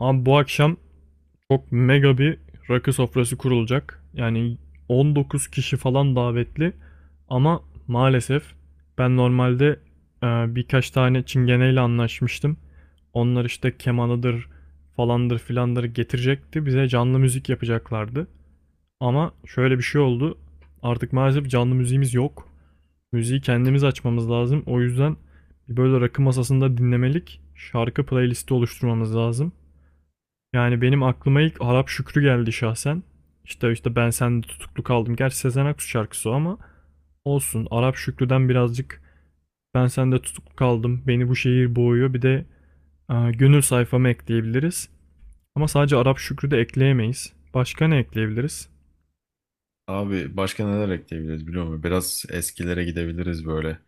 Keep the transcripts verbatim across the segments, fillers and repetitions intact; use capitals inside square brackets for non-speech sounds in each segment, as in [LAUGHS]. Abi bu akşam çok mega bir rakı sofrası kurulacak. Yani on dokuz kişi falan davetli. Ama maalesef ben normalde e, birkaç tane çingeneyle anlaşmıştım. Onlar işte kemanıdır falandır filandır getirecekti. Bize canlı müzik yapacaklardı. Ama şöyle bir şey oldu. Artık maalesef canlı müziğimiz yok. Müziği kendimiz açmamız lazım. O yüzden böyle rakı masasında dinlemelik şarkı playlisti oluşturmamız lazım. Yani benim aklıma ilk Arap Şükrü geldi şahsen. İşte işte ben sende tutuklu kaldım. Gerçi Sezen Aksu şarkısı o ama olsun. Arap Şükrü'den birazcık ben sende tutuklu kaldım. Beni bu şehir boğuyor. Bir de e, gönül sayfamı ekleyebiliriz. Ama sadece Arap Şükrü de ekleyemeyiz. Başka ne ekleyebiliriz? Abi başka neler ekleyebiliriz biliyor musun? Biraz eskilere gidebiliriz böyle.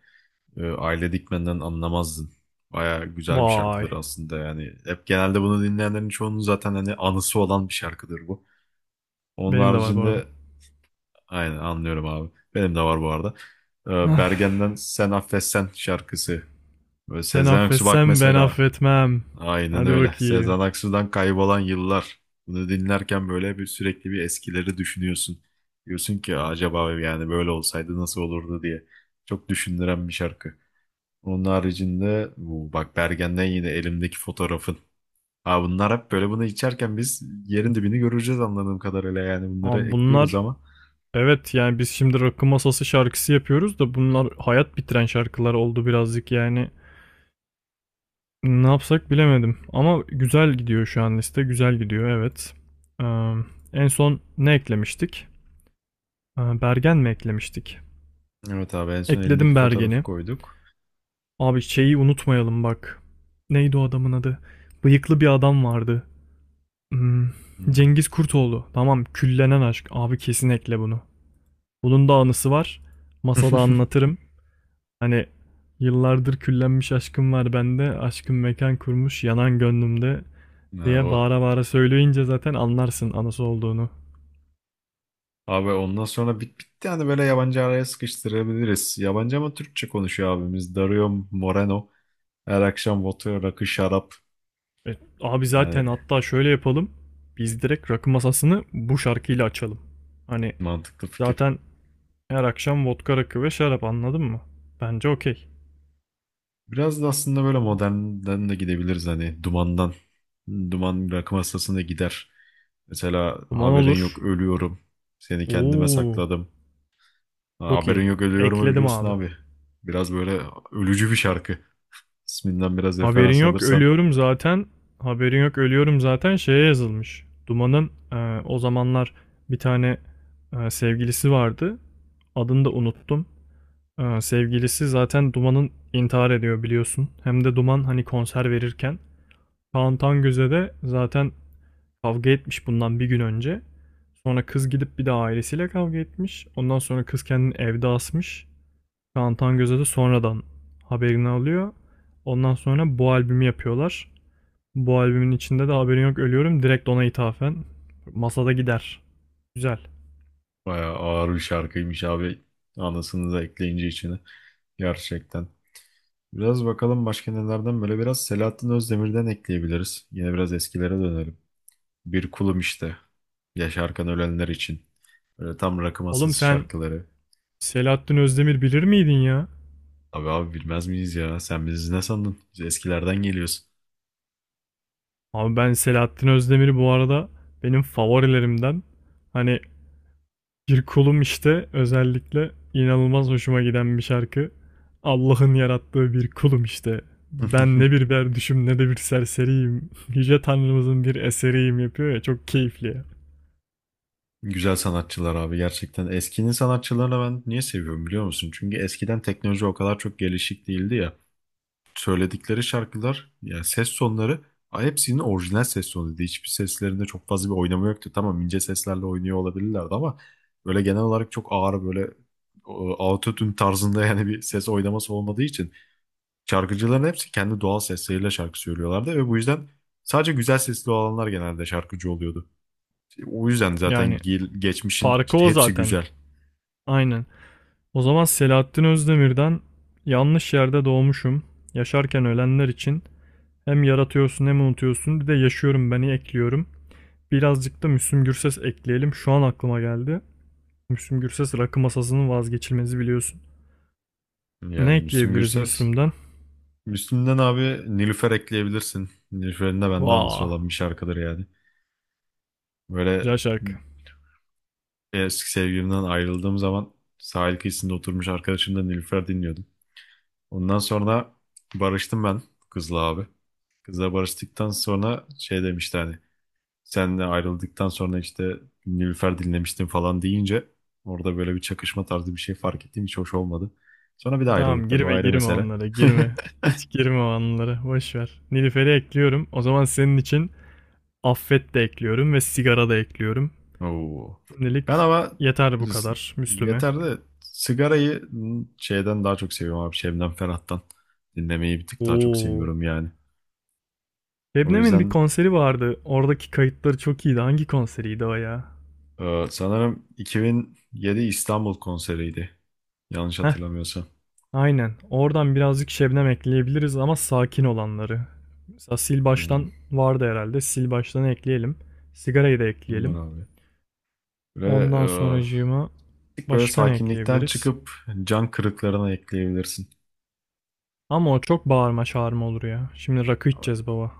Ee, Aile Dikmen'den anlamazdın. Baya güzel bir şarkıdır Vay. aslında yani. Hep genelde bunu dinleyenlerin çoğunun zaten hani anısı olan bir şarkıdır bu. Onun Benim de var bu arada. haricinde aynen anlıyorum abi. Benim de var bu arada. Ee, Ah, Bergen'den Sen Affetsen şarkısı. Böyle sen Sezen Aksu bak affetsen ben mesela. affetmem. Aynen Hadi öyle. bakayım. Sezen Aksu'dan kaybolan yıllar. Bunu dinlerken böyle bir sürekli bir eskileri düşünüyorsun. Diyorsun ki acaba yani böyle olsaydı nasıl olurdu diye. Çok düşündüren bir şarkı. Onun haricinde bu bak Bergen'den yine elimdeki fotoğrafın. Ha, bunlar hep böyle bunu içerken biz yerin dibini göreceğiz anladığım kadarıyla yani bunları Ama ekliyoruz bunlar, ama. evet, yani biz şimdi rakı masası şarkısı yapıyoruz da bunlar hayat bitiren şarkılar oldu birazcık yani. Ne yapsak bilemedim. Ama güzel gidiyor şu an liste. Güzel gidiyor, evet. Ee, En son ne eklemiştik? Ee, Bergen mi eklemiştik? Evet abi, en son elindeki Ekledim fotoğrafı Bergen'i. koyduk. Abi şeyi unutmayalım bak. Neydi o adamın adı? Bıyıklı bir adam vardı. Hmm, Hmm. Cengiz Kurtoğlu. Tamam, küllenen aşk. Abi kesin ekle bunu. Bunun da anısı var. Masada [LAUGHS] anlatırım. Hani yıllardır küllenmiş aşkım var bende. Aşkım mekan kurmuş yanan gönlümde, Ha, diye o. bağıra bağıra söyleyince zaten anlarsın anası olduğunu. Abi ondan sonra bit bitti yani, böyle yabancı araya sıkıştırabiliriz. Yabancı ama Türkçe konuşuyor abimiz. Dario Moreno. Her akşam vodka, rakı, şarap. E, Abi zaten Yani hatta şöyle yapalım. Biz direkt rakı masasını bu şarkıyla açalım. Hani mantıklı fikir. zaten her akşam vodka rakı ve şarap, anladın mı? Bence okey. Biraz da aslında böyle modernden de gidebiliriz hani, dumandan. Duman rakı masasına gider. Mesela Duman haberin yok olur. ölüyorum. Seni kendime Oo, sakladım. Ha, çok Haberin iyi. yok ölüyorumu Ekledim biliyorsun abi. abi. Biraz böyle ölücü bir şarkı. İsminden biraz Haberin referans yok alırsan. ölüyorum zaten. Haberin yok ölüyorum zaten şeye yazılmış. Duman'ın e, o zamanlar bir tane e, sevgilisi vardı. Adını da unuttum. Ee, sevgilisi zaten Duman'ın intihar ediyor, biliyorsun. Hem de Duman hani konser verirken. Kaan Tangöz'e de zaten kavga etmiş bundan bir gün önce. Sonra kız gidip bir de ailesiyle kavga etmiş. Ondan sonra kız kendini evde asmış. Kaan Tangöz'e de sonradan haberini alıyor. Ondan sonra bu albümü yapıyorlar. Bu albümün içinde de haberin yok ölüyorum direkt ona ithafen. Masada gider. Güzel. Bayağı ağır bir şarkıymış abi. Anasını da ekleyince içine. Gerçekten. Biraz bakalım başka nelerden, böyle biraz Selahattin Özdemir'den ekleyebiliriz. Yine biraz eskilere dönelim. Bir kulum işte. Yaşarken ölenler için. Böyle tam rakı Oğlum masası sen şarkıları. Selahattin Özdemir bilir miydin ya? Abi abi bilmez miyiz ya? Sen bizi ne sandın? Biz eskilerden geliyoruz. Abi ben Selahattin Özdemir'i bu arada benim favorilerimden, hani, bir kulum işte özellikle inanılmaz hoşuma giden bir şarkı. Allah'ın yarattığı bir kulum işte. Ben ne [LAUGHS] bir berduşum ne de bir serseriyim. [LAUGHS] Yüce Tanrımızın bir eseriyim yapıyor ya, çok keyifli ya. Güzel sanatçılar abi, gerçekten. Eskinin sanatçılarını ben niye seviyorum biliyor musun? Çünkü eskiden teknoloji o kadar çok gelişik değildi ya. Söyledikleri şarkılar yani, ses sonları, a, hepsinin orijinal ses sonuydu. Hiçbir seslerinde çok fazla bir oynama yoktu. Tamam, ince seslerle oynuyor olabilirlerdi ama böyle genel olarak çok ağır böyle, e, autotune tarzında [LAUGHS] yani bir ses oynaması olmadığı için şarkıcıların hepsi kendi doğal sesleriyle şarkı söylüyorlardı ve bu yüzden sadece güzel sesli olanlar genelde şarkıcı oluyordu. O yüzden zaten Yani gel- geçmişin farkı işte o hepsi zaten. güzel. Aynen. O zaman Selahattin Özdemir'den yanlış yerde doğmuşum. Yaşarken ölenler için, hem yaratıyorsun hem unutuyorsun, bir de yaşıyorum beni ekliyorum. Birazcık da Müslüm Gürses ekleyelim. Şu an aklıma geldi. Müslüm Gürses rakı masasının vazgeçilmezi biliyorsun. Ne Yani Müslüm ekleyebiliriz Gürses. Müslüm'den? Müslüm'den abi Nilüfer ekleyebilirsin. Nilüfer'in de bende anısı Vaa. olan bir şarkıdır yani. Böyle Güzel şarkı. eski sevgilimden ayrıldığım zaman sahil kıyısında oturmuş arkadaşımla Nilüfer dinliyordum. Ondan sonra barıştım ben kızla abi. Kızla barıştıktan sonra şey demişti hani, senle ayrıldıktan sonra işte Nilüfer dinlemiştim falan deyince orada böyle bir çakışma tarzı bir şey fark ettiğim hiç hoş olmadı. Sonra bir de ayrıldık Tamam, tabii, o girme ayrı girme mesele. onlara [LAUGHS] girme. Hiç girme o anlara. Boş ver. Nilüfer'i ekliyorum. O zaman senin için affet de ekliyorum ve sigara da ekliyorum. Oo. Ben Şimdilik ama yeter bu kadar Müslüm'e. yeter de sigarayı şeyden daha çok seviyorum abi. Şebnem Ferah'tan dinlemeyi bir tık daha çok Oo. seviyorum yani. O Şebnem'in bir yüzden konseri vardı. Oradaki kayıtları çok iyiydi. Hangi konseriydi o ya? e, sanırım iki bin yedi İstanbul konseriydi. Yanlış Heh, hatırlamıyorsam. aynen. Oradan birazcık Şebnem ekleyebiliriz, ama sakin olanları. Mesela sil Hmm, baştan vardı herhalde. Sil baştanı ekleyelim. Sigarayı da olur ekleyelim. abi. Ve Ondan e, sonracığıma bir tık böyle başka ne sakinlikten ekleyebiliriz? çıkıp can kırıklarına ekleyebilirsin. Ama o çok bağırma çağırma olur ya. Şimdi rakı içeceğiz baba.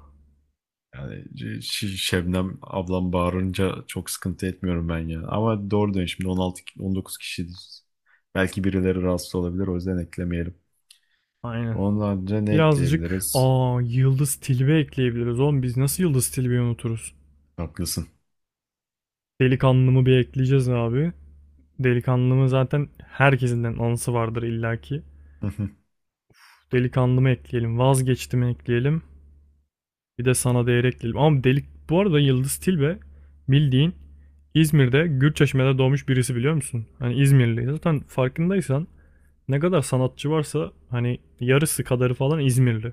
Yani Ş- Şebnem ablam bağırınca çok sıkıntı etmiyorum ben ya. Ama doğru diyorsun, şimdi on altı on dokuz kişiyiz. Belki birileri rahatsız olabilir, o yüzden eklemeyelim. Aynen. Ondan önce ne Birazcık ekleyebiliriz? aa Yıldız Tilbe ekleyebiliriz oğlum. Biz nasıl Yıldız Tilbe'yi unuturuz? Haklısın. Delikanlımı bir ekleyeceğiz abi. Delikanlımı zaten herkesinden anısı vardır illaki. [LAUGHS] Delikanlımı ekleyelim. Vazgeçtimi ekleyelim. Bir de sana değer ekleyelim. Ama delik, bu arada Yıldız Tilbe bildiğin İzmir'de Gürçeşme'de doğmuş birisi biliyor musun? Hani İzmirli. Zaten farkındaysan ne kadar sanatçı varsa hani yarısı kadarı falan İzmirli.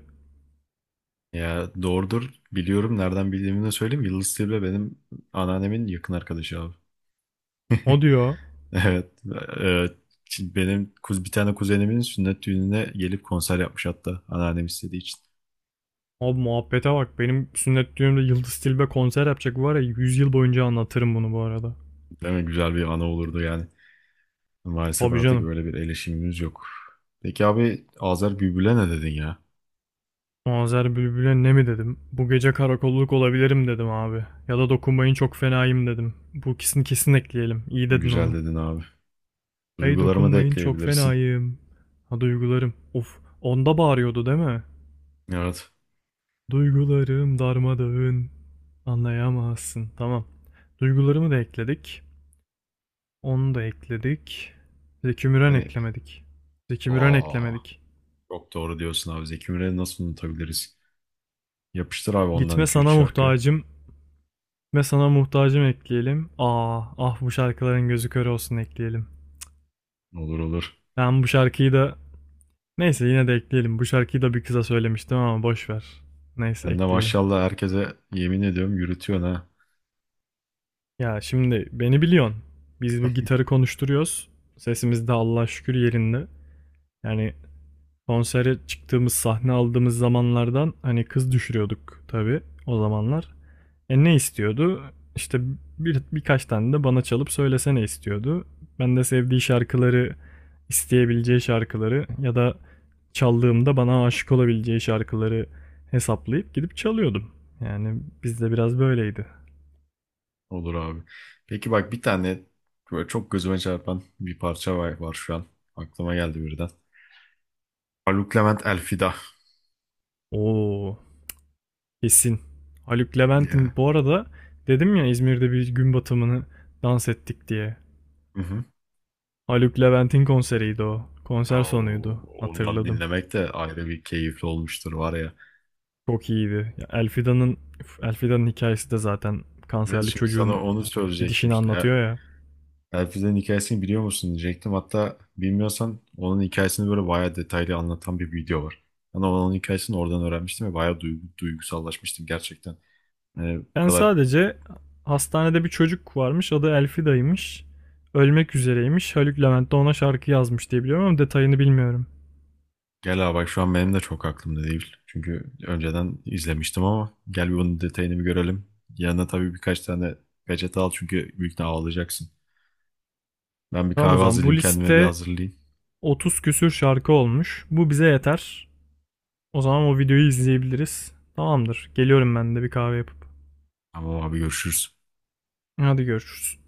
Ya doğrudur, biliyorum. Nereden bildiğimi de söyleyeyim. Yıldız Tilbe benim anneannemin yakın arkadaşı abi. O diyor. [LAUGHS] Evet. Evet. Şimdi benim kuz bir tane kuzenimin sünnet düğününe gelip konser yapmış, hatta anneannem istediği için. Abi muhabbete bak, benim sünnet düğünümde Yıldız Tilbe konser yapacak var ya, yüz yıl boyunca anlatırım bunu bu arada. Değil mi? Güzel bir ana olurdu yani. Maalesef Abi artık canım. öyle bir eleşimimiz yok. Peki abi, Azer Bülbül'e ne dedin ya? Azer Bülbül'e ne mi dedim? Bu gece karakolluk olabilirim dedim abi. Ya da dokunmayın çok fenayım dedim. Bu ikisini kesin ekleyelim. İyi dedin Güzel onu. dedin abi. Hey Duygularımı da dokunmayın çok ekleyebilirsin. fenayım. Ha, duygularım. Of, onda bağırıyordu değil mi? Evet. Duygularım darmadağın. Anlayamazsın. Tamam. Duygularımı da ekledik. Onu da ekledik. Zeki Müren Hani eklemedik. Zeki Müren aa, eklemedik. çok doğru diyorsun abi. Zeki Müren'i nasıl unutabiliriz? Yapıştır abi ondan Gitme iki üç sana şarkı. muhtacım. Gitme sana muhtacım ekleyelim. Aa, ah bu şarkıların gözü kör olsun ekleyelim. Olur olur. Ben bu şarkıyı da, neyse, yine de ekleyelim. Bu şarkıyı da bir kıza söylemiştim ama boş ver. Neyse Ben de ekleyelim. maşallah herkese yemin ediyorum, yürütüyorsun ha. Ya şimdi beni biliyorsun. Biz bu gitarı konuşturuyoruz. Sesimiz de Allah'a şükür yerinde. Yani konsere çıktığımız, sahne aldığımız zamanlardan hani kız düşürüyorduk tabii o zamanlar. E ne istiyordu? İşte bir, birkaç tane de bana çalıp söylesene istiyordu. Ben de sevdiği şarkıları, isteyebileceği şarkıları ya da çaldığımda bana aşık olabileceği şarkıları hesaplayıp gidip çalıyordum. Yani bizde biraz böyleydi. Olur abi. Peki bak, bir tane böyle çok gözüme çarpan bir parça var, var şu an. Aklıma geldi birden. Haluk Levent Elfida. Oo, kesin. Haluk Levent'in Ya. bu arada dedim ya İzmir'de bir gün batımını dans ettik diye. Haluk Levent'in konseriydi o. Ya Konser o- sonuydu. ondan Hatırladım. dinlemek de ayrı bir keyifli olmuştur var ya. Çok iyiydi. Elfidan'ın üf, Elfidan'ın hikayesi de zaten Evet, kanserli şimdi çocuğun sana onu söyleyecektim. gidişini Şimdi Er- anlatıyor ya. Elfiz'in hikayesini biliyor musun diyecektim. Hatta bilmiyorsan, onun hikayesini böyle bayağı detaylı anlatan bir video var. Ben onun hikayesini oradan öğrenmiştim ve bayağı duygu, duygusallaşmıştım gerçekten. Yani bu Ben kadar, sadece hastanede bir çocuk varmış. Adı Elfida'ymış. Ölmek üzereymiş. Haluk Levent de ona şarkı yazmış diye biliyorum ama detayını bilmiyorum. gel abi bak, şu an benim de çok aklımda değil. Çünkü önceden izlemiştim, ama gel bir bunun detayını bir görelim. Yanına tabii birkaç tane peçete al, çünkü büyük ihtimalle ağlayacaksın. Ben bir Tamam o kahve zaman bu hazırlayayım, kendime bir liste hazırlayayım. otuz küsür şarkı olmuş. Bu bize yeter. O zaman o videoyu izleyebiliriz. Tamamdır. Geliyorum ben de bir kahve yapıp. Tamam abi, görüşürüz. Hadi görüşürüz.